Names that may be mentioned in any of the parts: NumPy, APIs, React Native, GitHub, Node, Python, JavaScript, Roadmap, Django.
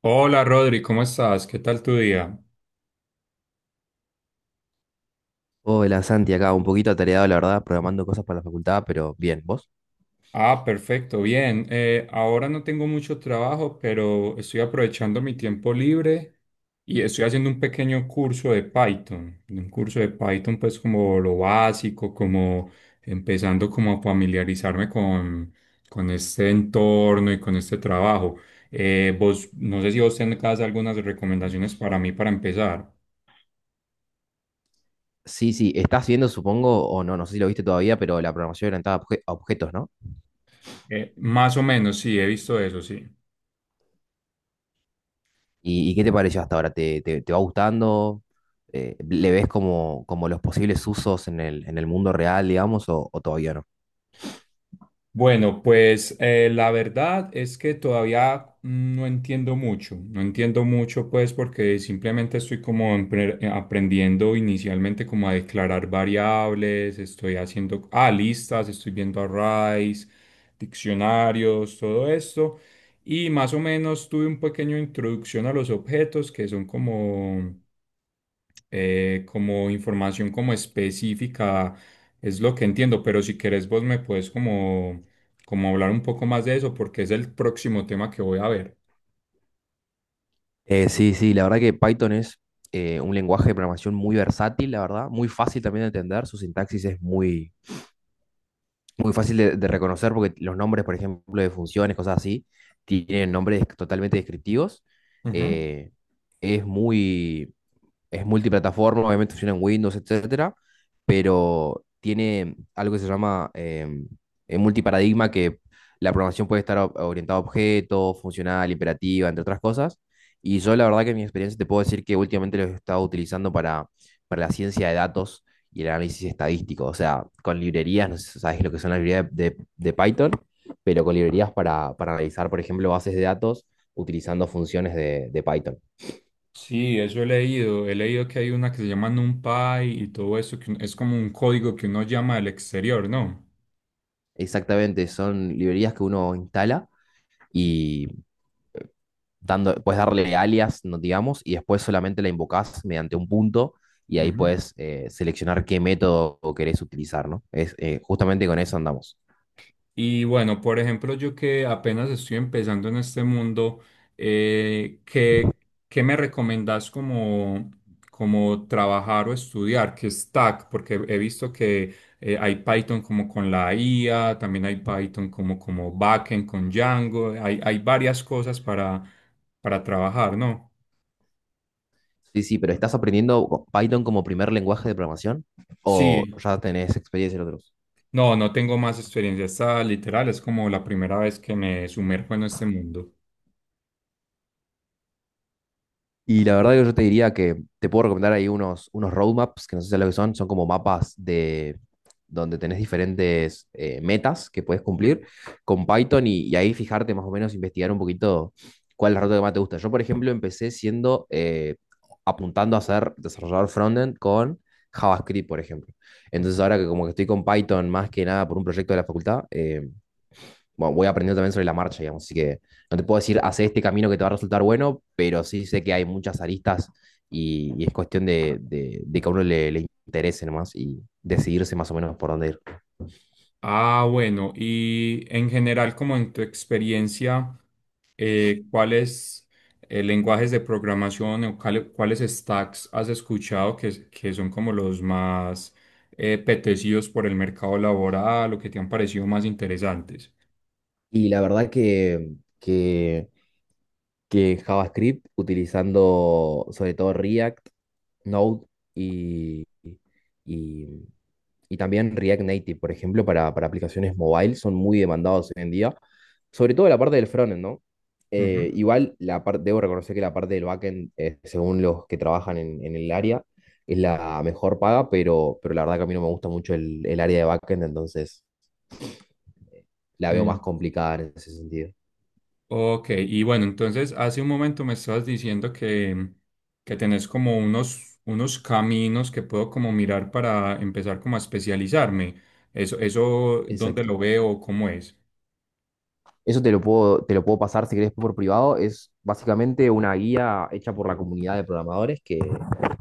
Hola Rodri, ¿cómo estás? ¿Qué tal tu día? Hola Santi, acá un poquito atareado, la verdad, programando cosas para la facultad, pero bien, ¿vos? Ah, perfecto, bien. Ahora no tengo mucho trabajo, pero estoy aprovechando mi tiempo libre y estoy haciendo un pequeño curso de Python. Un curso de Python pues como lo básico, como empezando como a familiarizarme con este entorno y con este trabajo. Vos, no sé si vos tenés algunas recomendaciones para mí para empezar. Sí, sí, estás viendo, supongo, o no, no sé si lo viste todavía, pero la programación orientada a objetos, ¿no? Más o menos, sí, he visto eso, sí. ¿Y qué te pareció hasta ahora? ¿Te va gustando? ¿Le ves como los posibles usos en en el mundo real, digamos, o todavía no? Bueno, pues la verdad es que todavía no entiendo mucho, no entiendo mucho pues porque simplemente estoy como aprendiendo inicialmente como a declarar variables, estoy haciendo listas, estoy viendo arrays, diccionarios, todo esto y más o menos tuve un pequeño introducción a los objetos que son como como información como específica, es lo que entiendo, pero si querés vos me puedes como hablar un poco más de eso porque es el próximo tema que voy a ver. Sí, sí, la verdad que Python es un lenguaje de programación muy versátil, la verdad, muy fácil también de entender. Su sintaxis es muy fácil de reconocer, porque los nombres, por ejemplo, de funciones, cosas así, tienen nombres totalmente descriptivos. Ujú. eh, es muy, es multiplataforma, obviamente funciona en Windows, etcétera, pero tiene algo que se llama multiparadigma, que la programación puede estar orientada a objetos, funcional, imperativa, entre otras cosas. Y yo la verdad que, en mi experiencia, te puedo decir que últimamente lo he estado utilizando para, la ciencia de datos y el análisis estadístico. O sea, con librerías, no sé si sabes lo que son las librerías de Python, pero con librerías para, analizar, por ejemplo, bases de datos utilizando funciones de Python. Sí, eso he leído. He leído que hay una que se llama NumPy y todo eso, que es como un código que uno llama al exterior, ¿no? Exactamente, son librerías que uno instala y, puedes darle alias, no digamos, y después solamente la invocás mediante un punto, y ahí Ujú. puedes seleccionar qué método querés utilizar, ¿no? Justamente con eso andamos. Y bueno, por ejemplo, yo que apenas estoy empezando en este mundo, eh, ¿qué, ¿qué me recomendás como trabajar o estudiar? ¿Qué stack? Porque he visto que hay Python como con la IA, también hay Python como backend con Django, hay varias cosas para trabajar, ¿no? Sí, sí, pero ¿estás aprendiendo Python como primer lenguaje de programación, o Sí, ya tenés experiencia en otros? No tengo más experiencia, esta literal es como la primera vez que me sumerjo en este mundo. Y la verdad que yo te diría que te puedo recomendar ahí unos, roadmaps, que no sé si es lo que son, son como mapas de donde tenés diferentes metas que puedes cumplir con Python, y ahí fijarte más o menos, investigar un poquito cuál es la ruta que más te gusta. Yo, por ejemplo, empecé apuntando a ser desarrollador frontend con JavaScript, por ejemplo. Entonces ahora, que como que estoy con Python más que nada por un proyecto de la facultad, bueno, voy aprendiendo también sobre la marcha, digamos. Así que no te puedo decir, hace este camino que te va a resultar bueno, pero sí sé que hay muchas aristas, y es cuestión de que a uno le interese nomás y decidirse más o menos por dónde ir. Ah, bueno, y en general, como en tu experiencia, ¿cuáles lenguajes de programación o cuáles stacks has escuchado que son como los más apetecidos por el mercado laboral o que te han parecido más interesantes? Y la verdad que, que que JavaScript, utilizando sobre todo React, Node, y, y, y también React Native, por ejemplo, para aplicaciones mobile, son muy demandados hoy en día, sobre todo la parte del frontend, ¿no? Ujú. Igual, la parte, debo reconocer que la parte del backend, según los que trabajan en, el área, es la mejor paga, pero la verdad que a mí no me gusta mucho el área de backend, entonces la veo más complicada en ese sentido. Ok, y bueno, entonces hace un momento me estabas diciendo que tenés como unos caminos que puedo como mirar para empezar como a especializarme. Eso, ¿dónde lo Exacto. veo? ¿Cómo es? Eso te lo puedo pasar si querés por privado. Es básicamente una guía hecha por la comunidad de programadores,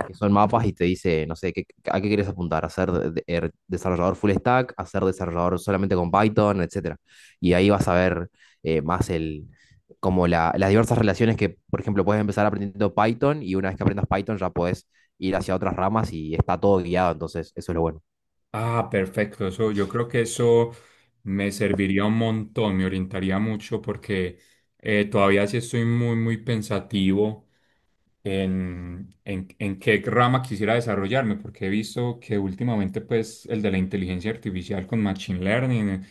que son mapas, y te dice, no sé, a qué quieres apuntar: a ser desarrollador full stack, a ser desarrollador solamente con Python, etcétera. Y ahí vas a ver más como las diversas relaciones, que, por ejemplo, puedes empezar aprendiendo Python, y una vez que aprendas Python ya puedes ir hacia otras ramas, y está todo guiado, entonces eso es lo bueno. Ah, perfecto. Eso, yo creo que eso me serviría un montón, me orientaría mucho porque todavía sí estoy muy, muy pensativo en qué rama quisiera desarrollarme, porque he visto que últimamente pues el de la inteligencia artificial con machine learning eh,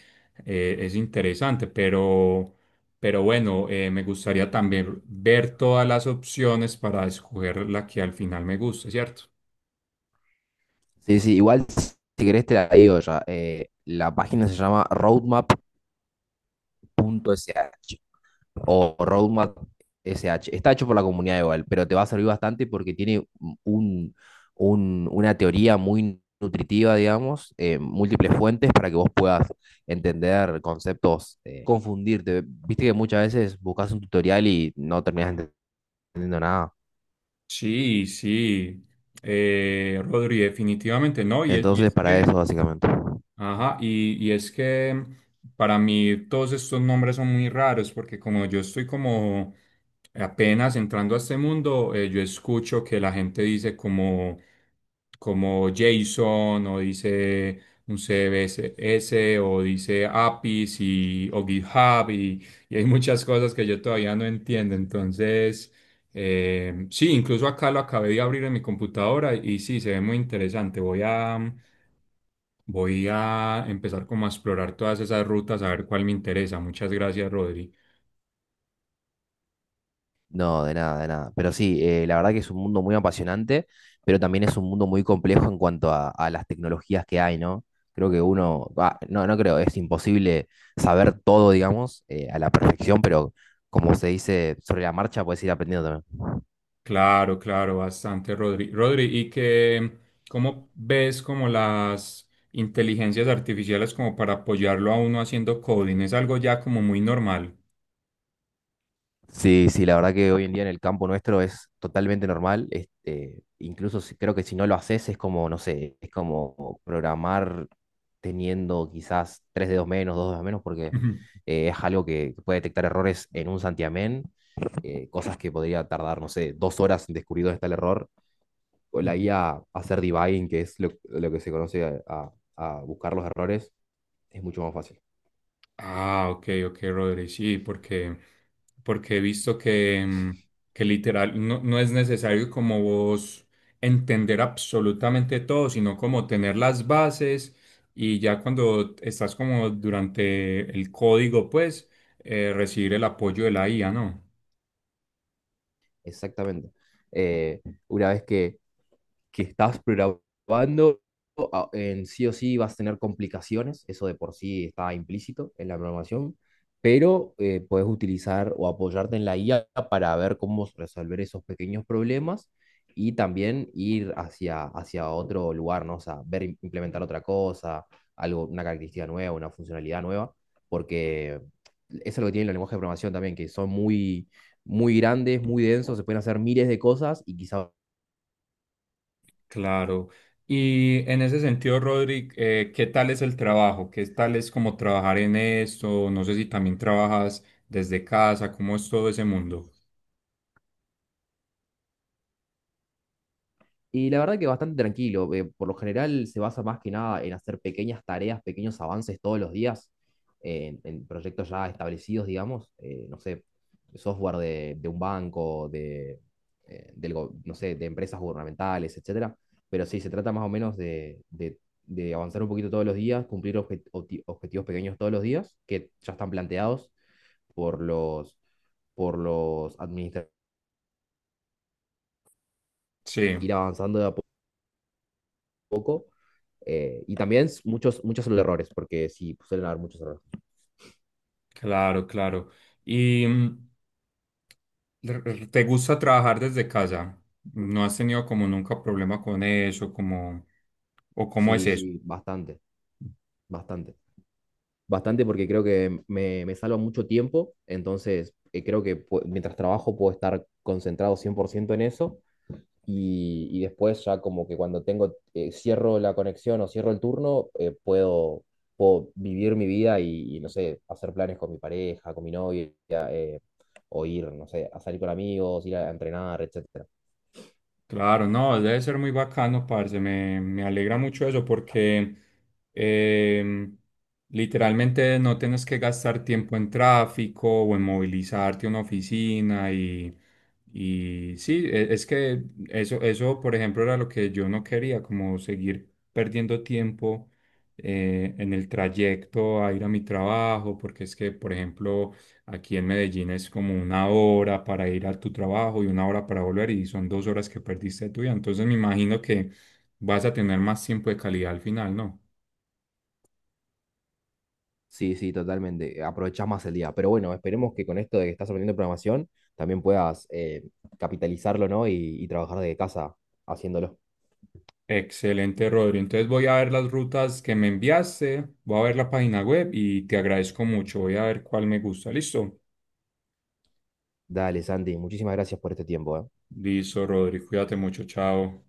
eh, es interesante, pero bueno, me gustaría también ver todas las opciones para escoger la que al final me guste, ¿cierto? Sí, sí, igual si querés te la digo ya. La página se llama roadmap.sh, o roadmap.sh. Está hecho por la comunidad igual, pero te va a servir bastante porque tiene un, una teoría muy nutritiva, digamos, múltiples fuentes para que vos puedas entender conceptos, confundirte. Viste que muchas veces buscas un tutorial y no terminas entendiendo nada. Sí, sí, Rodri, definitivamente no, y Entonces, es para que... eso, básicamente. Ajá, y es que para mí todos estos nombres son muy raros porque como yo estoy como apenas entrando a este mundo, yo escucho que la gente dice como Jason o dice un CBSS o dice APIs o GitHub y hay muchas cosas que yo todavía no entiendo. Entonces, sí, incluso acá lo acabé de abrir en mi computadora y sí, se ve muy interesante. Voy a... Voy a empezar como a explorar todas esas rutas, a ver cuál me interesa. Muchas gracias, Rodri. No, de nada, de nada. Pero sí, la verdad que es un mundo muy apasionante, pero también es un mundo muy complejo en cuanto a, las tecnologías que hay, ¿no? Creo que uno, no, no creo, es imposible saber todo, digamos, a la perfección, pero, como se dice, sobre la marcha puedes ir aprendiendo también. Claro, claro, bastante, Rodri. Rodri, ¿cómo ves como las inteligencias artificiales como para apoyarlo a uno haciendo coding? Es algo ya como muy normal. Sí, sí, la verdad que hoy en día en el campo nuestro es totalmente normal. Incluso, creo que si no lo haces es como, no sé, es como programar teniendo quizás tres dedos menos, dos dedos menos, porque es algo que, puede detectar errores en un santiamén, cosas que podría tardar, no sé, dos horas en descubrir dónde está el error. O la IA hacer debugging, que es lo, que se conoce a, a buscar los errores, es mucho más fácil. Ah, ok, ok, Rodri, sí, porque he visto que, que literal no es necesario como vos entender absolutamente todo, sino como tener las bases y ya cuando estás como durante el código, pues recibir el apoyo de la IA, ¿no? Exactamente. Eh, una vez que, estás programando, en sí o sí vas a tener complicaciones, eso de por sí está implícito en la programación, pero puedes utilizar o apoyarte en la IA para ver cómo resolver esos pequeños problemas, y también ir hacia, otro lugar, ¿no? O sea, ver implementar otra cosa, algo, una característica nueva, una funcionalidad nueva, porque eso es lo que tiene el lenguaje de programación también, que son muy, muy grandes, muy densos, se pueden hacer miles de cosas y quizás... Claro. Y en ese sentido, Rodri, ¿qué tal es el trabajo? ¿Qué tal es como trabajar en esto? No sé si también trabajas desde casa, ¿cómo es todo ese mundo? Y la verdad que bastante tranquilo. Por lo general se basa más que nada en hacer pequeñas tareas, pequeños avances todos los días, en proyectos ya establecidos, digamos. No sé, software de, un banco, no sé, de empresas gubernamentales, etcétera. Pero sí, se trata más o menos de, de avanzar un poquito todos los días, cumplir objetivos pequeños todos los días que ya están planteados por los, administradores, Sí. ir avanzando de a poco. Y también muchos, son los errores, porque sí, suelen haber muchos errores. Claro, claro. ¿Y te gusta trabajar desde casa? ¿No has tenido como nunca problema con eso? Como, ¿o cómo es Sí, eso? sí, bastante, bastante. Bastante, porque creo que me, salva mucho tiempo, entonces creo que mientras trabajo puedo estar concentrado 100% en eso, y, después, ya como que cuando cierro la conexión o cierro el turno, puedo, vivir mi vida y, no sé, hacer planes con mi pareja, con mi novia, eh, o ir, no sé, a salir con amigos, ir a entrenar, etc. Claro, no, debe ser muy bacano, parce. Me alegra mucho eso porque em, literalmente no tienes que gastar tiempo en tráfico o en movilizarte a una oficina y sí, es que eso, por ejemplo, era lo que yo no quería, como seguir perdiendo tiempo en el trayecto a ir a mi trabajo, porque es que, por ejemplo, aquí en Medellín es como 1 hora para ir a tu trabajo y 1 hora para volver y son 2 horas que perdiste de tu vida. Entonces me imagino que vas a tener más tiempo de calidad al final, ¿no? Sí, sí, totalmente. Aprovechás más el día. Pero bueno, esperemos que, con esto de que estás aprendiendo programación, también puedas capitalizarlo, ¿no? Y trabajar desde casa haciéndolo. Excelente, Rodri. Entonces voy a ver las rutas que me enviaste, voy a ver la página web y te agradezco mucho. Voy a ver cuál me gusta. ¿Listo? Dale, Santi, muchísimas gracias por este tiempo, ¿eh? Listo, Rodri. Cuídate mucho. Chao.